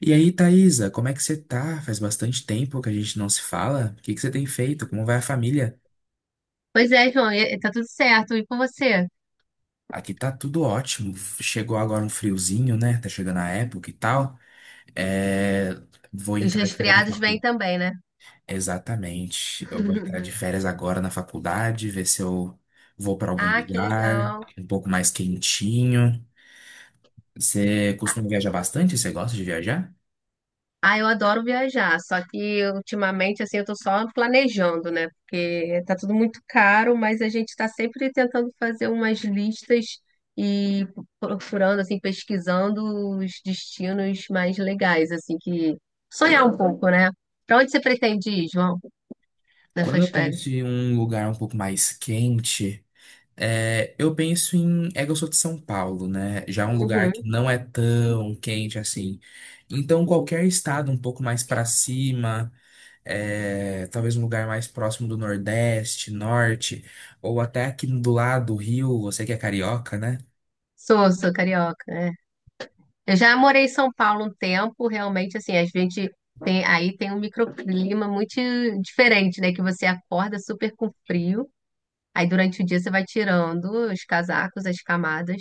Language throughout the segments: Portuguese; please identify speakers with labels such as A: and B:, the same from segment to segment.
A: E aí, Thaisa, como é que você tá? Faz bastante tempo que a gente não se fala. O que que você tem feito? Como vai a família?
B: Pois é, João, tá tudo certo. E com você?
A: Aqui tá tudo ótimo. Chegou agora um friozinho, né? Tá chegando a época e tal. É... Vou
B: Os
A: entrar de férias na
B: resfriados vêm
A: faculdade.
B: também, né?
A: Exatamente. Eu vou entrar de férias agora na faculdade, ver se eu vou pra algum
B: Ah, que
A: lugar
B: legal.
A: um pouco mais quentinho. Você costuma viajar bastante? Você gosta de viajar?
B: Ah, eu adoro viajar, só que ultimamente, assim, eu tô só planejando, né? Porque tá tudo muito caro, mas a gente tá sempre tentando fazer umas listas e procurando, assim, pesquisando os destinos mais legais, assim, que sonhar um pouco, né? Pra onde você pretende ir, João,
A: Quando
B: nessas
A: eu
B: férias?
A: penso em um lugar um pouco mais quente, É, eu penso em. É que eu sou de São Paulo, né? Já é um lugar que
B: Uhum.
A: não é tão quente assim. Então, qualquer estado um pouco mais para cima, talvez um lugar mais próximo do Nordeste, Norte, ou até aqui do lado do Rio, você que é carioca, né?
B: Sou, sou carioca, é. Eu já morei em São Paulo um tempo, realmente, assim, a gente tem, aí tem um microclima muito diferente, né? Que você acorda super com frio, aí durante o dia você vai tirando os casacos, as camadas,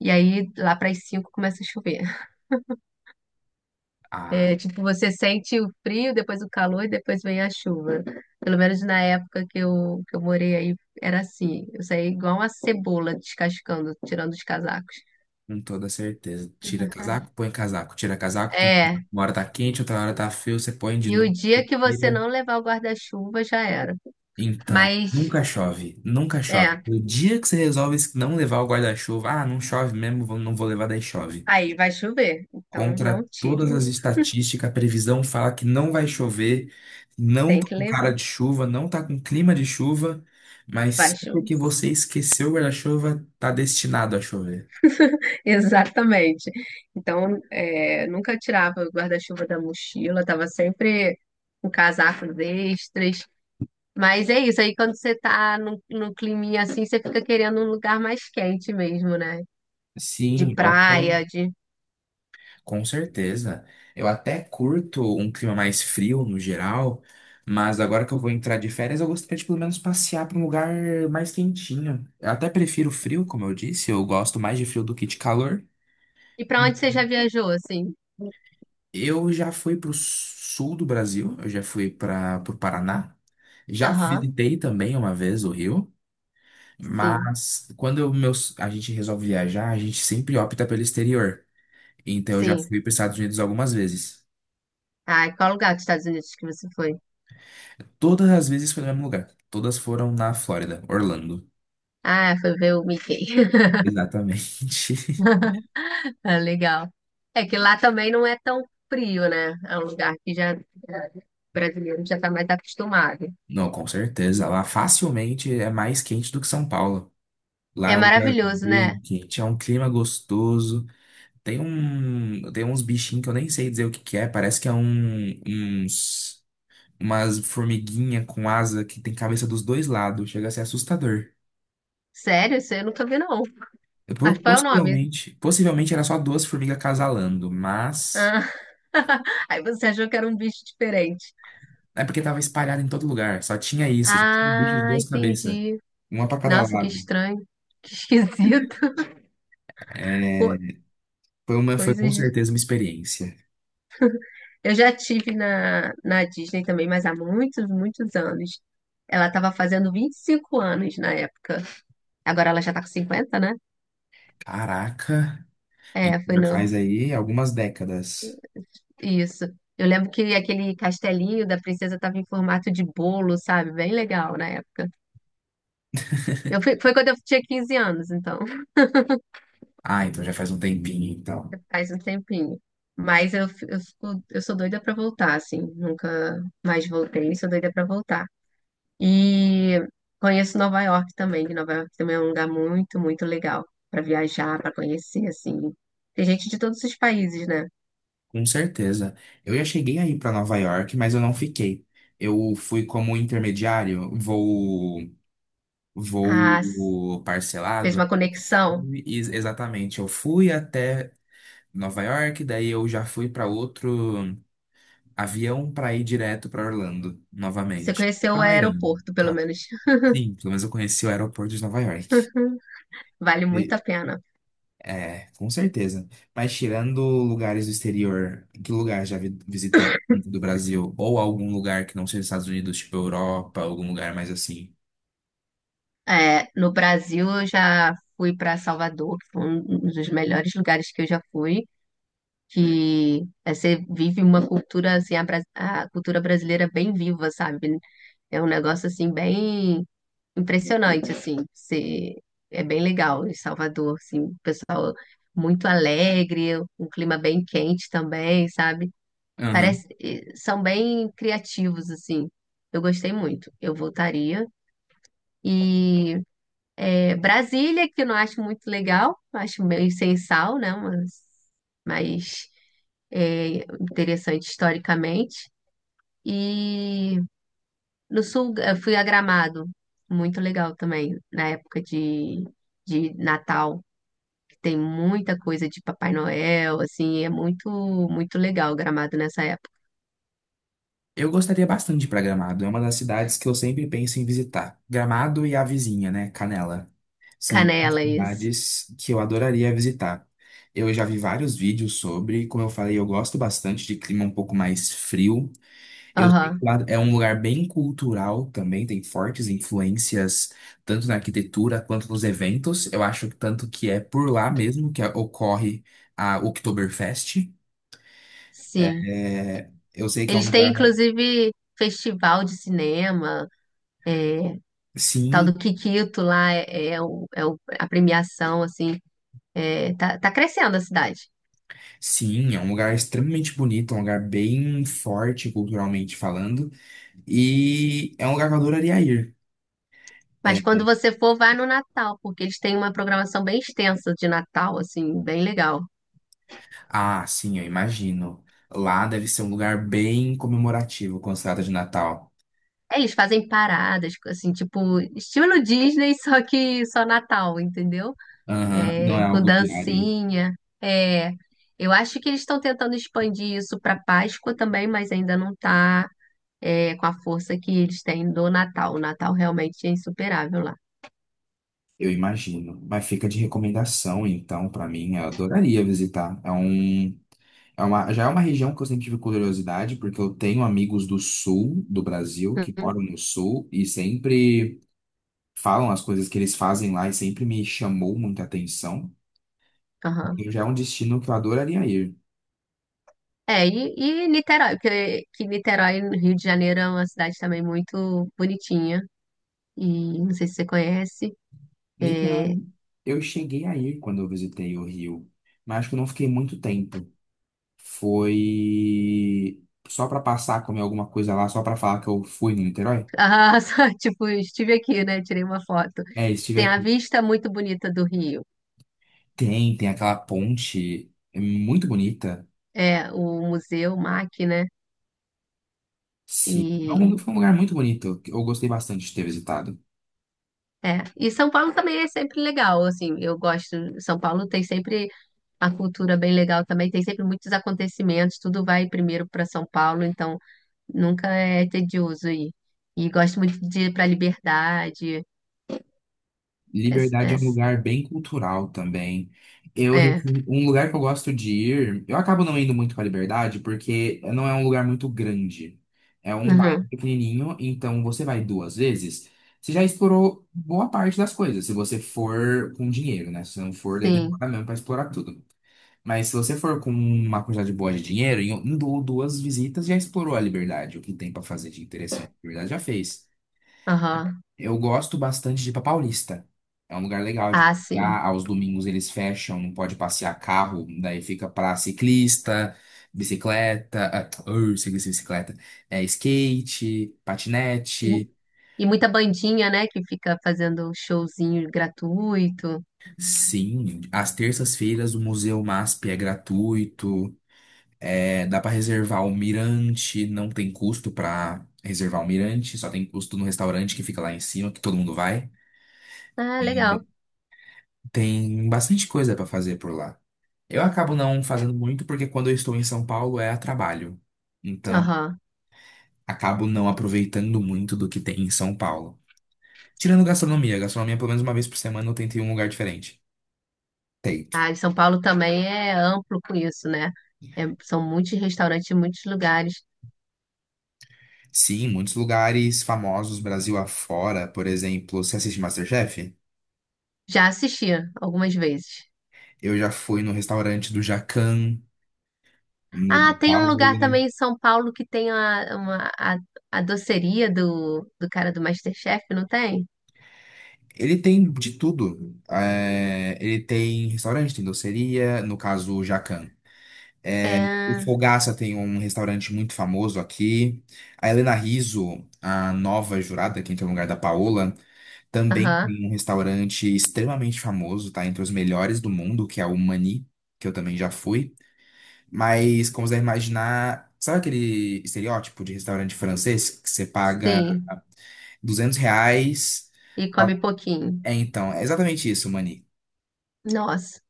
B: e aí lá para as cinco começa a chover.
A: Ah,
B: É, tipo, você sente o frio, depois o calor, e depois vem a chuva. Pelo menos na época que eu morei aí, era assim. Eu saía igual uma cebola descascando, tirando os casacos.
A: com toda certeza. Tira casaco, põe casaco. Tira casaco, põe casaco.
B: É,
A: Uma hora tá quente, outra hora tá frio, você põe de
B: e o
A: novo,
B: dia
A: você
B: que você
A: tira.
B: não levar o guarda-chuva já era.
A: Então,
B: Mas
A: nunca chove, nunca chove.
B: é,
A: O dia que você resolve não levar o guarda-chuva, ah, não chove mesmo, não vou levar, daí chove.
B: aí vai chover. Então não
A: Contra todas
B: tire,
A: as estatísticas, a previsão fala que não vai chover, não
B: tem
A: tá
B: que
A: com cara
B: levar.
A: de chuva, não tá com clima de chuva,
B: Vai
A: mas só
B: chover.
A: porque você esqueceu o guarda-chuva, tá destinado a chover.
B: Exatamente. Então, é, nunca tirava o guarda-chuva da mochila, tava sempre com casacos extras. Mas é isso, aí quando você tá num climinha assim, você fica querendo um lugar mais quente mesmo, né? De
A: Sim, até.
B: praia, de...
A: Com certeza. Eu até curto um clima mais frio no geral, mas agora que eu vou entrar de férias, eu gostaria de pelo menos passear para um lugar mais quentinho. Eu até prefiro frio, como eu disse, eu gosto mais de frio do que de calor.
B: E pra onde você já viajou, assim?
A: Eu já fui para o sul do Brasil, eu já fui para o Paraná, já
B: Aham,
A: visitei também uma vez o Rio,
B: sim,
A: mas a gente resolve viajar, a gente sempre opta pelo exterior. Então eu já
B: sim.
A: fui para os Estados Unidos algumas vezes.
B: Ah, e qual lugar dos Estados Unidos que você foi?
A: Todas as vezes foi no mesmo lugar. Todas foram na Flórida, Orlando.
B: Ah, foi ver o Mickey.
A: Exatamente.
B: É legal. É que lá também não é tão frio, né? É um lugar que já o brasileiro já tá mais acostumado.
A: Não, com certeza. Lá facilmente é mais quente do que São Paulo. Lá
B: É
A: é um lugar
B: maravilhoso,
A: bem
B: né?
A: quente, é um clima gostoso. Tem uns bichinhos que eu nem sei dizer o que que é. Parece que é um, uns, umas formiguinha com asa que tem cabeça dos dois lados. Chega a ser assustador.
B: Sério, isso eu nunca vi, não.
A: Eu
B: Mas
A: Po-
B: qual é o nome?
A: Possivelmente, possivelmente era só duas formigas casalando, mas
B: Ah. Aí você achou que era um bicho diferente.
A: é porque tava espalhado em todo lugar, só tinha isso, só tinha um bicho de
B: Ah,
A: duas cabeças,
B: entendi.
A: uma pra cada
B: Nossa, que
A: lado.
B: estranho. Que esquisito.
A: É,
B: Co-
A: foi com
B: Coisas.
A: certeza uma experiência.
B: Eu já tive na Disney também, mas há muitos, muitos anos. Ela estava fazendo 25 anos na época. Agora ela já tá com 50, né?
A: Caraca, então
B: É, foi
A: já
B: no
A: faz aí algumas décadas.
B: isso. Eu lembro que aquele castelinho da princesa estava em formato de bolo, sabe? Bem legal na época. Foi quando eu tinha 15 anos, então
A: Ah, então já faz um tempinho, então.
B: faz um tempinho. Mas eu, eu, eu sou doida pra voltar, assim. Nunca mais voltei, sou doida pra voltar. E conheço Nova York também, que Nova York também é um lugar muito, muito legal pra viajar, pra conhecer, assim. Tem gente de todos os países, né?
A: Com certeza. Eu já cheguei aí pra Nova York, mas eu não fiquei. Eu fui como intermediário, voo
B: Ah, s-
A: voo
B: fez
A: parcelado.
B: uma conexão.
A: Exatamente, eu fui até Nova York, daí eu já fui para outro avião para ir direto para Orlando
B: Você
A: novamente.
B: conheceu o
A: Para Miami, no
B: aeroporto, pelo
A: caso.
B: menos.
A: Sim, pelo menos eu conheci o aeroporto de Nova York.
B: Vale muito
A: E-
B: a pena.
A: é, com certeza. Mas tirando lugares do exterior, que lugar visitou dentro do Brasil? Ou algum lugar que não seja os Estados Unidos, tipo Europa, algum lugar mais assim?
B: É, no Brasil, eu já fui para Salvador, que foi um dos melhores lugares que eu já fui. Que é, você vive uma cultura, assim, a cultura brasileira bem viva, sabe? É um negócio, assim, bem impressionante, assim. Você, é bem legal em Salvador, assim, o pessoal muito alegre, um clima bem quente também, sabe? Parece, e são bem criativos, assim. Eu gostei muito. Eu voltaria. E é, Brasília, que eu não acho muito legal, acho meio sem sal, né? Mas é interessante historicamente. E no sul eu fui a Gramado, muito legal também, na época de Natal, que tem muita coisa de Papai Noel, assim, é muito, muito legal o Gramado nessa época.
A: Eu gostaria bastante de ir para Gramado. É uma das cidades que eu sempre penso em visitar. Gramado e a vizinha, né? Canela. São duas
B: Canela, isso.
A: cidades que eu adoraria visitar. Eu já vi vários vídeos sobre, como eu falei, eu gosto bastante de clima um pouco mais frio. Eu sei que
B: Aham,
A: lá é um lugar bem cultural também, tem fortes influências tanto na arquitetura quanto nos eventos. Eu acho que tanto que é por lá mesmo que ocorre a Oktoberfest.
B: sim.
A: É, eu sei que é um
B: Eles têm,
A: lugar.
B: inclusive, festival de cinema. Tal do
A: Sim,
B: Kikito lá é, a premiação, assim, é, tá, tá crescendo a cidade.
A: Sim, é um lugar extremamente bonito, é um lugar bem forte culturalmente falando, e é um lugar que eu adoraria ir.
B: Mas
A: É,
B: quando você for, vai no Natal, porque eles têm uma programação bem extensa de Natal, assim, bem legal.
A: Ah, sim, eu imagino. Lá deve ser um lugar bem comemorativo quando se trata de Natal.
B: É, eles fazem paradas, assim, tipo, estilo Disney, só que só Natal, entendeu?
A: Aham, não é
B: É, com
A: algo diário,
B: dancinha. É, eu acho que eles estão tentando expandir isso para Páscoa também, mas ainda não tá, é, com a força que eles têm do Natal. O Natal realmente é insuperável
A: eu imagino. Mas fica de recomendação, então, pra mim, eu adoraria visitar. Já é uma região que eu sempre tive curiosidade, porque eu tenho amigos do sul do Brasil
B: lá.
A: que moram no sul e sempre falam as coisas que eles fazem lá e sempre me chamou muita atenção.
B: Aham.
A: Então já é um destino que eu adoraria ir.
B: É, e Niterói, porque que Niterói, no Rio de Janeiro, é uma cidade também muito bonitinha. E não sei se você conhece. É...
A: Literalmente, eu cheguei a ir quando eu visitei o Rio, mas acho que eu não fiquei muito tempo. Foi só para passar, comer alguma coisa lá, só para falar que eu fui no Niterói.
B: Ah, só, tipo, estive aqui, né? Tirei uma foto.
A: É, estive
B: Tem a
A: aqui.
B: vista muito bonita do Rio.
A: Tem aquela ponte é muito bonita.
B: É, o Museu MAC, né?
A: Sim,
B: E,
A: foi um lugar muito bonito que Eu gostei bastante de ter visitado.
B: é. E São Paulo também é sempre legal, assim, eu gosto. São Paulo tem sempre a cultura bem legal também, tem sempre muitos acontecimentos, tudo vai primeiro para São Paulo, então nunca é tedioso aí. E gosto muito de ir pra liberdade. Es-
A: Liberdade é um
B: es-
A: lugar bem cultural também.
B: É,
A: Um lugar que eu gosto de ir, eu acabo não indo muito para Liberdade porque não é um lugar muito grande. É um bairro
B: uhum,
A: pequenininho, então você vai duas vezes, você já explorou boa parte das coisas, se você for com dinheiro, né? Se não for, daí
B: sim,
A: demora mesmo para explorar tudo. Mas se você for com uma quantidade boa de dinheiro, em um ou duas visitas já explorou a Liberdade, o que tem para fazer de interessante. A Liberdade já fez.
B: aham,
A: Eu gosto bastante de ir pra Paulista. É um lugar legal de
B: ah,
A: passear.
B: sim.
A: Aos domingos eles fecham, não pode passear carro, daí fica pra ciclista, bicicleta, ah, ur, ciclista, e bicicleta, é, skate,
B: E, mu-
A: patinete.
B: e muita bandinha, né, que fica fazendo showzinho gratuito.
A: Sim, às terças-feiras o Museu MASP é gratuito. É, dá pra reservar o mirante, não tem custo pra reservar o mirante, só tem custo no restaurante que fica lá em cima, que todo mundo vai.
B: Ah,
A: E
B: legal.
A: tem bastante coisa pra fazer por lá. Eu acabo não fazendo muito porque quando eu estou em São Paulo é a trabalho. Então,
B: Aham.
A: acabo não aproveitando muito do que tem em São Paulo. Tirando gastronomia, gastronomia pelo menos uma vez por semana eu tento ir em um lugar diferente. Tento.
B: Ah, e São Paulo também é amplo com isso, né? É, são muitos restaurantes, muitos lugares.
A: Sim, muitos lugares famosos Brasil afora, por exemplo, você assiste MasterChef?
B: Já assisti algumas vezes.
A: Eu já fui no restaurante do Jacan, no da
B: Ah, tem um
A: Paola.
B: lugar também em São Paulo que tem a doceria do cara do MasterChef, não tem?
A: Ele tem de tudo. É, ele tem restaurante, tem doceria, no caso o Jacan. É, O
B: É,
A: Fogaça tem um restaurante muito famoso aqui. A Helena Rizzo, a nova jurada que entra no lugar da Paola, também
B: aham,
A: tem um restaurante extremamente famoso, tá? Entre os melhores do mundo, que é o Mani, que eu também já fui. Mas, como você deve imaginar, sabe aquele estereótipo de restaurante francês que você paga
B: sim.
A: 200 reais?
B: E come pouquinho.
A: É, então, é exatamente isso, Mani.
B: Nossa.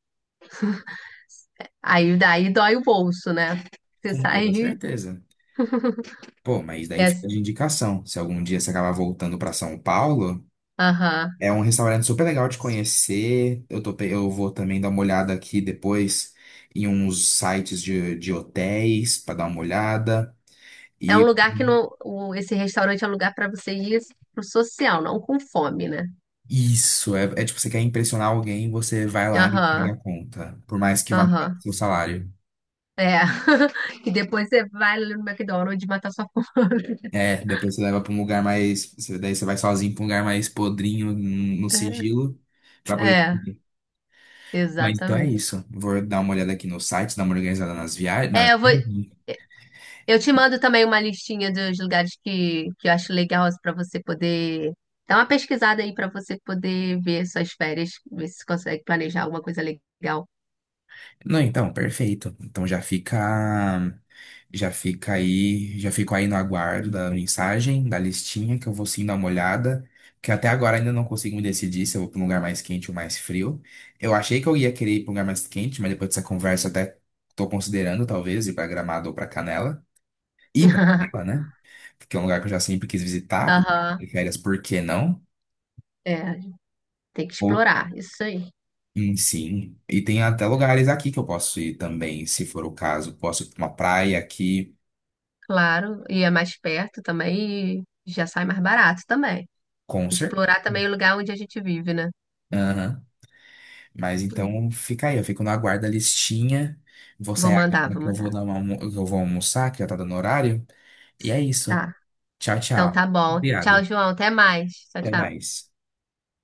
B: Aí daí dói o bolso, né? Você
A: Com toda
B: sai.
A: certeza. Pô, mas daí
B: É,
A: fica de indicação. Se algum dia você acabar voltando para São Paulo.
B: aham.
A: É um restaurante super legal de conhecer. Eu vou também dar uma olhada aqui depois em uns sites de hotéis para dar uma olhada.
B: É um
A: E
B: lugar que não. Esse restaurante é um lugar para você ir assim, pro social, não com fome, né?
A: isso, é tipo, você quer impressionar alguém, você vai lá e paga
B: Aham,
A: a conta. Por mais que vá
B: aham.
A: seu salário.
B: É. E depois você vai ali no McDonald's matar sua fome.
A: É, depois você leva para daí você vai sozinho para um lugar mais podrinho, no sigilo, para poder
B: É,
A: comer. Mas então é
B: exatamente.
A: isso. Vou dar uma olhada aqui no site, dar uma organizada nas viagens,
B: É, eu vou, eu te mando também uma listinha dos lugares que eu acho legal para você poder dar uma pesquisada aí para você poder ver suas férias, ver se consegue planejar alguma coisa legal.
A: Não, então, perfeito. Já fica aí, já fico aí no aguardo da mensagem, da listinha, que eu vou sim dar uma olhada, que até agora ainda não consigo me decidir se eu vou para um lugar mais quente ou mais frio. Eu achei que eu ia querer ir para um lugar mais quente, mas depois dessa conversa até estou considerando talvez ir para Gramado ou para Canela. Ir para Canela, né? Porque é um lugar que eu já sempre quis visitar, porque
B: Aham,
A: férias, por que não?
B: é, tem que explorar, isso aí,
A: Sim, e tem até lugares aqui que eu posso ir também, se for o caso. Posso ir pra uma praia aqui,
B: claro, e é mais perto também e já sai mais barato também.
A: concert.
B: Explorar também o lugar onde a gente vive, né?
A: Aham. Mas então fica aí, eu fico na guarda listinha. Vou
B: Vou
A: sair
B: mandar,
A: agora
B: vou
A: que eu vou
B: mandar.
A: dar que eu vou almoçar, que já tá dando horário. E é isso.
B: Tá,
A: Tchau,
B: então
A: tchau.
B: tá bom. Tchau,
A: Obrigado.
B: João, até mais. Tchau,
A: Até
B: tchau.
A: mais.